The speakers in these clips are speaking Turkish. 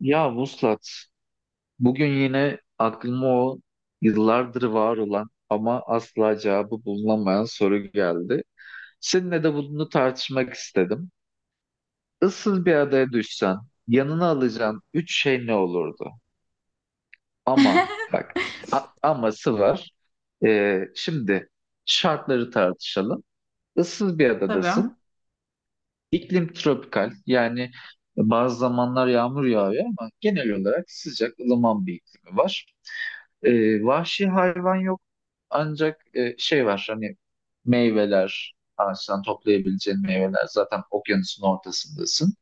Ya Vuslat, bugün yine aklıma o yıllardır var olan ama asla cevabı bulunamayan soru geldi. Seninle de bunu tartışmak istedim. Issız bir adaya düşsen, yanına alacağın üç şey ne olurdu? Ama bak, aması var. Şimdi şartları tartışalım. Issız bir adadasın. Tabii. İklim tropikal, yani bazı zamanlar yağmur yağıyor ama genel olarak sıcak, ılıman bir iklimi var. Vahşi hayvan yok, ancak şey var, hani meyveler, ağaçtan toplayabileceğin meyveler. Zaten okyanusun ortasındasın.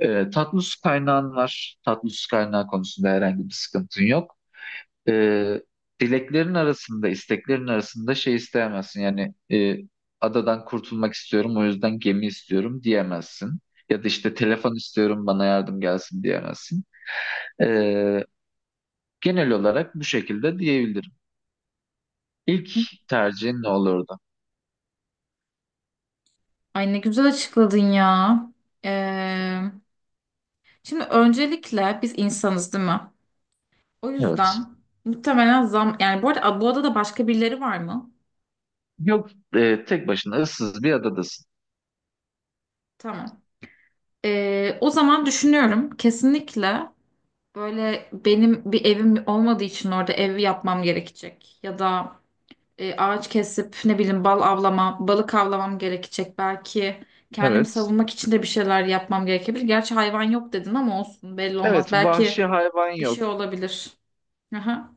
Tatlı su kaynağın var, tatlı su kaynağı konusunda herhangi bir sıkıntın yok. e, Dileklerin arasında, isteklerin arasında şey isteyemezsin. Yani adadan kurtulmak istiyorum, o yüzden gemi istiyorum diyemezsin. Ya da işte telefon istiyorum, bana yardım gelsin diyemezsin. E, Genel olarak bu şekilde diyebilirim. İlk tercihin ne olurdu? Ay ne güzel açıkladın ya. Ee, Şimdi öncelikle biz insanız değil mi? O Evet. yüzden muhtemelen zam... Yani bu arada bu adada başka birileri var mı? Yok, tek başına ıssız bir adadasın. Tamam. O zaman düşünüyorum. Kesinlikle böyle benim bir evim olmadığı için orada ev yapmam gerekecek. Ya da ağaç kesip ne bileyim bal avlama, balık avlamam gerekecek belki. Kendimi Evet. savunmak için de bir şeyler yapmam gerekebilir. Gerçi hayvan yok dedin ama olsun belli olmaz. Evet, Belki vahşi hayvan bir yok. şey olabilir. Aha.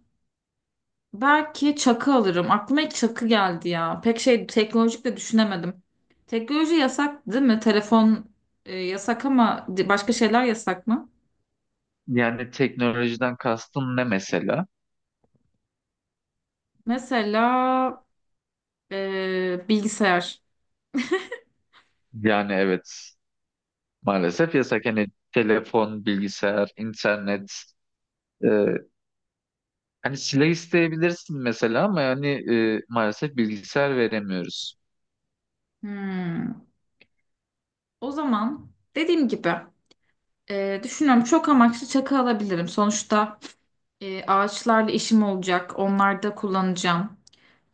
Belki çakı alırım. Aklıma ilk çakı geldi ya. Pek şey teknolojik de düşünemedim. Teknoloji yasak değil mi? Telefon yasak ama başka şeyler yasak mı? Yani teknolojiden kastın ne mesela? Mesela bilgisayar. Yani evet. Maalesef yasak. Hani telefon, bilgisayar, internet. e, Hani silah isteyebilirsin mesela, ama yani maalesef bilgisayar veremiyoruz. Hmm. O zaman dediğim gibi. Düşünüyorum çok amaçlı çakı alabilirim. Sonuçta ağaçlarla işim olacak. Onlarda kullanacağım.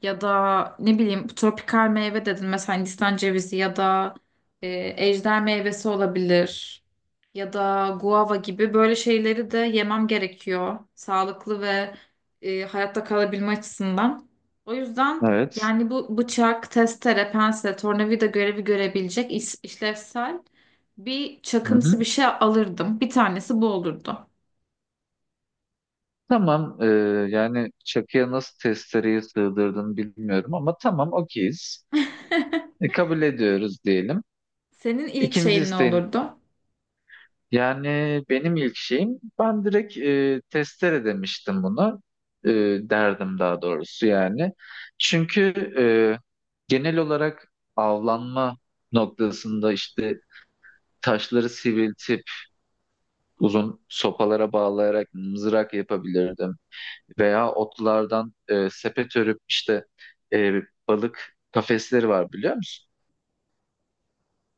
Ya da ne bileyim tropikal meyve dedin mesela Hindistan cevizi ya da ejder meyvesi olabilir ya da guava gibi böyle şeyleri de yemem gerekiyor sağlıklı ve hayatta kalabilme açısından. O yüzden Evet. yani bu bıçak, testere, pense, tornavida görevi görebilecek işlevsel bir Hı çakımsı hı. bir şey alırdım. Bir tanesi bu olurdu. Tamam. Yani çakıya nasıl testereyi sığdırdın bilmiyorum, ama tamam, okeyiz. Kabul ediyoruz diyelim. Senin ilk İkinci şeyin ne isteğin olurdu? Yani, benim ilk şeyim, ben direkt testere demiştim bunu. E, Derdim, daha doğrusu yani. Çünkü e, genel olarak avlanma noktasında, işte taşları sivriltip uzun sopalara bağlayarak mızrak yapabilirdim. Veya otlardan sepet örüp, işte e, balık kafesleri var, biliyor musun?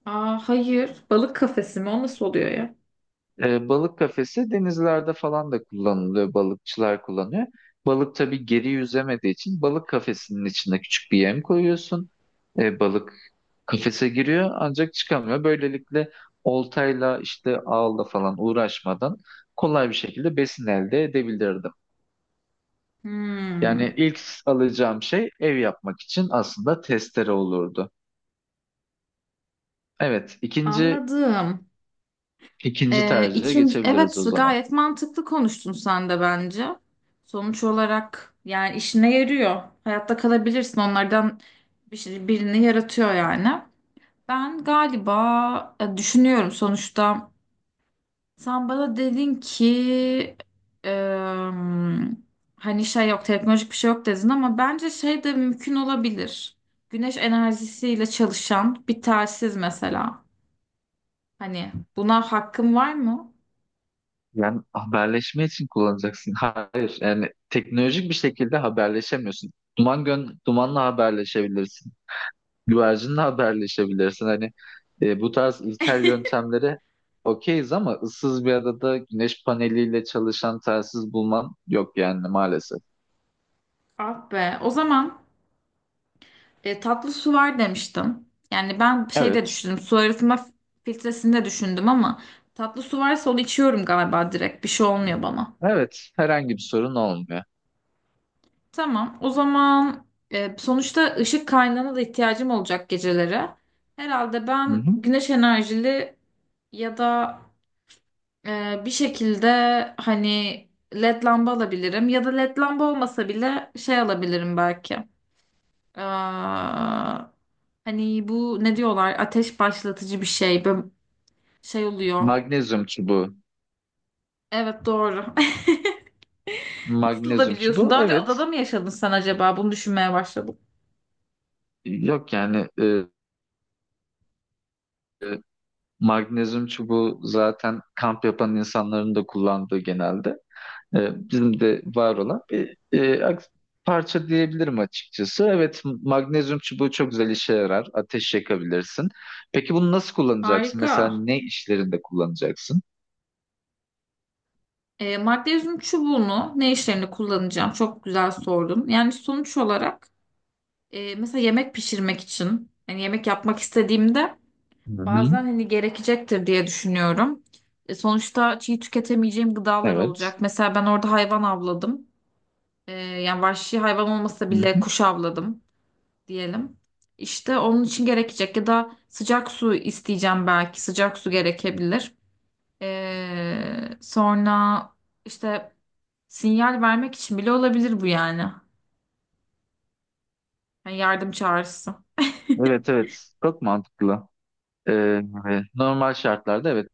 Aa, hayır. Balık kafesi mi? O nasıl oluyor ya? Balık kafesi denizlerde falan da kullanılıyor. Balıkçılar kullanıyor. Balık tabii geri yüzemediği için balık kafesinin içine küçük bir yem koyuyorsun. Balık kafese giriyor ancak çıkamıyor. Böylelikle oltayla, işte ağla falan uğraşmadan kolay bir şekilde besin elde edebilirdim. Yani Hmm, ilk alacağım şey, ev yapmak için, aslında testere olurdu. Evet, ikinci anladım. ikinci tercihe İkinci, geçebiliriz evet o zaman. gayet mantıklı konuştun sen de bence. Sonuç olarak yani işine yarıyor. Hayatta kalabilirsin onlardan bir şey, birini yaratıyor yani. Ben galiba düşünüyorum sonuçta. Sen bana dedin ki em, hani şey yok teknolojik bir şey yok dedin ama bence şey de mümkün olabilir. Güneş enerjisiyle çalışan bir telsiz mesela. Hani buna hakkım var mı? Yani haberleşme için kullanacaksın. Hayır, yani teknolojik bir şekilde haberleşemiyorsun. Dumanla haberleşebilirsin. Güvercinle haberleşebilirsin. Hani bu tarz ilkel yöntemlere okeyiz, ama ıssız bir adada güneş paneliyle çalışan telsiz bulman yok yani, maalesef. Ah be. O zaman tatlı su var demiştim. Yani ben şey de Evet. düşündüm. Su arıtma filtresini de düşündüm ama tatlı su varsa onu içiyorum galiba direkt. Bir şey olmuyor bana. Evet, herhangi bir sorun olmuyor. Tamam. O zaman sonuçta ışık kaynağına da ihtiyacım olacak geceleri. Herhalde Hı ben hı. güneş enerjili ya da bir şekilde hani led lamba alabilirim. Ya da led lamba olmasa bile şey alabilirim belki. Ee, Hani bu ne diyorlar? Ateş başlatıcı bir şey. Böyle şey oluyor. Magnezyum çubuğu. Evet doğru. Nasıl da Magnezyum biliyorsun? çubuğu, Daha önce evet. adada mı yaşadın sen acaba? Bunu düşünmeye başladım. Yok, yani e, magnezyum çubuğu zaten kamp yapan insanların da kullandığı genelde. Bizim de var olan bir parça diyebilirim açıkçası. Evet, magnezyum çubuğu çok güzel işe yarar. Ateş yakabilirsin. Peki bunu nasıl kullanacaksın? Mesela Harika. ne işlerinde kullanacaksın? Magnezyum çubuğunu ne işlerinde kullanacağım? Çok güzel sordun. Yani sonuç olarak mesela yemek pişirmek için hani yemek yapmak istediğimde Hı-hı. bazen hani gerekecektir diye düşünüyorum. Sonuçta çiğ tüketemeyeceğim gıdalar Evet. olacak. Mesela ben orada hayvan avladım. Yani vahşi hayvan olmasa bile Hı-hı. kuş avladım diyelim. İşte onun için gerekecek ya da sıcak su isteyeceğim belki. Sıcak su gerekebilir. E, sonra işte Sinyal vermek için bile olabilir bu yani. Yani yardım çağrısı. Evet, evet. Çok mantıklı. Ee, Normal şartlarda evet.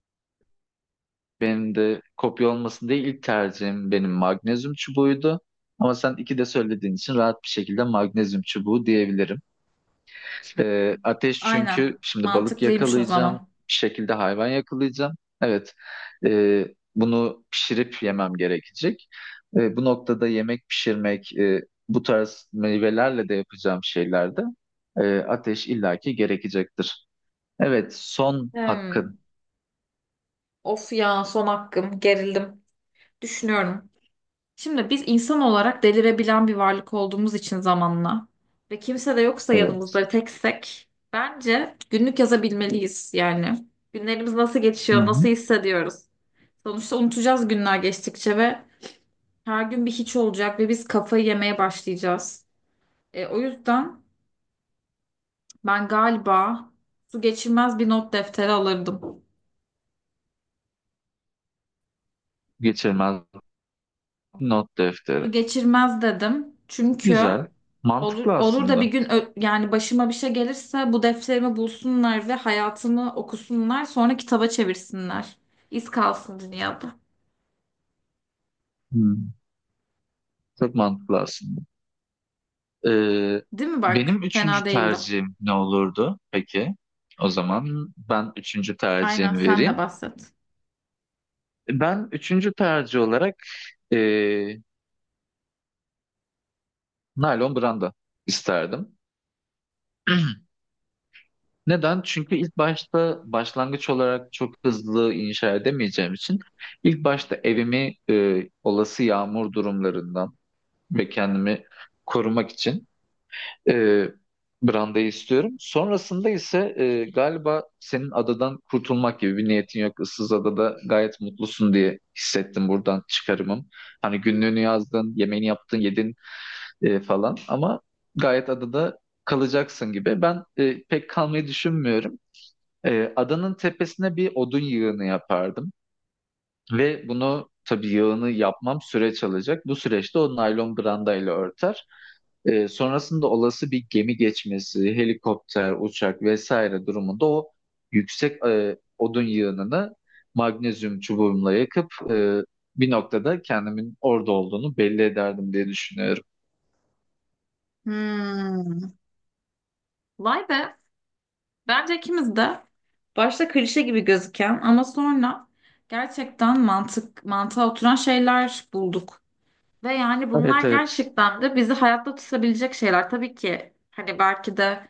Benim de kopya olmasın diye ilk tercihim benim magnezyum çubuğuydu. Ama sen iki de söylediğin için, rahat bir şekilde magnezyum çubuğu diyebilirim. Ateş, Aynen. çünkü şimdi balık Mantıklıymış o yakalayacağım, zaman. bir şekilde hayvan yakalayacağım. Evet, e, bunu pişirip yemem gerekecek. Bu noktada yemek pişirmek, bu tarz meyvelerle de yapacağım şeylerde, ateş illaki gerekecektir. Evet, son Hmm. hakkın. Of ya son hakkım. Gerildim. Düşünüyorum. Şimdi biz insan olarak delirebilen bir varlık olduğumuz için zamanla ve kimse de yoksa Evet. yanımızda ve teksek bence günlük yazabilmeliyiz yani. Günlerimiz nasıl Hı geçiyor, hı. nasıl hissediyoruz? Sonuçta unutacağız günler geçtikçe ve her gün bir hiç olacak ve biz kafayı yemeye başlayacağız. O yüzden ben galiba su geçirmez bir not defteri alırdım. Geçirmez. Not defteri. Su geçirmez dedim. Çünkü Güzel. olur, Mantıklı olur da bir aslında. gün yani başıma bir şey gelirse bu defterimi bulsunlar ve hayatımı okusunlar sonra kitaba çevirsinler. İz kalsın dünyada. Hmm, Çok mantıklı aslında. Ee, Değil mi bak? Benim üçüncü Fena değildi. tercihim ne olurdu peki? O zaman ben üçüncü Aynen tercihimi sen de vereyim. bahset. Ben üçüncü tercih olarak ee, naylon branda isterdim. Neden? Çünkü ilk başta, başlangıç olarak çok hızlı inşa edemeyeceğim için, ilk başta evimi olası yağmur durumlarından ve kendimi korumak için e, brandayı istiyorum. Sonrasında ise galiba senin adadan kurtulmak gibi bir niyetin yok. Issız adada gayet mutlusun diye hissettim, buradan çıkarımım. Hani günlüğünü yazdın, yemeğini yaptın, yedin falan, ama gayet adada kalacaksın gibi. Ben pek kalmayı düşünmüyorum. Adanın tepesine bir odun yığını yapardım. Ve bunu tabii yağını yapmam süreç alacak. Bu süreçte o naylon brandayla örter. Sonrasında olası bir gemi geçmesi, helikopter, uçak vesaire durumunda, o yüksek odun yığınını magnezyum çubuğumla yakıp, bir noktada kendimin orada olduğunu belli ederdim diye düşünüyorum. Hmm. Vay be. Bence ikimiz de başta klişe gibi gözüken ama sonra gerçekten mantık mantığa oturan şeyler bulduk. Ve yani bunlar Evet, evet. gerçekten de bizi hayatta tutabilecek şeyler. Tabii ki hani belki de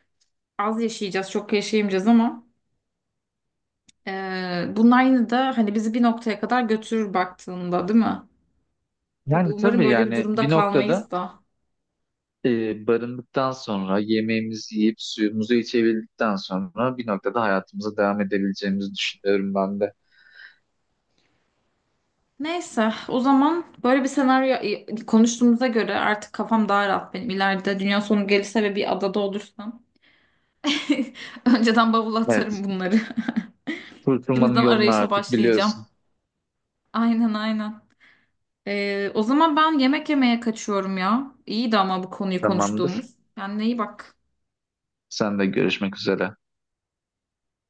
az yaşayacağız, çok yaşayamayacağız ama bunlar yine de hani bizi bir noktaya kadar götürür baktığında, değil mi? Tabii Yani umarım tabii böyle bir yani durumda bir noktada kalmayız da. Barındıktan sonra, yemeğimizi yiyip suyumuzu içebildikten sonra, bir noktada hayatımıza devam edebileceğimizi düşünüyorum ben de. Neyse, o zaman böyle bir senaryo konuştuğumuza göre artık kafam daha rahat benim. İleride dünya sonu gelirse ve bir adada olursam önceden bavula Evet. atarım bunları. Kurtulmanın Şimdiden yolunu arayışa artık başlayacağım. biliyorsun. Aynen aynen. O zaman ben yemek yemeye kaçıyorum ya. İyiydi ama bu konuyu Tamamdır. konuştuğumuz. Kendine iyi bak. Sen de görüşmek üzere.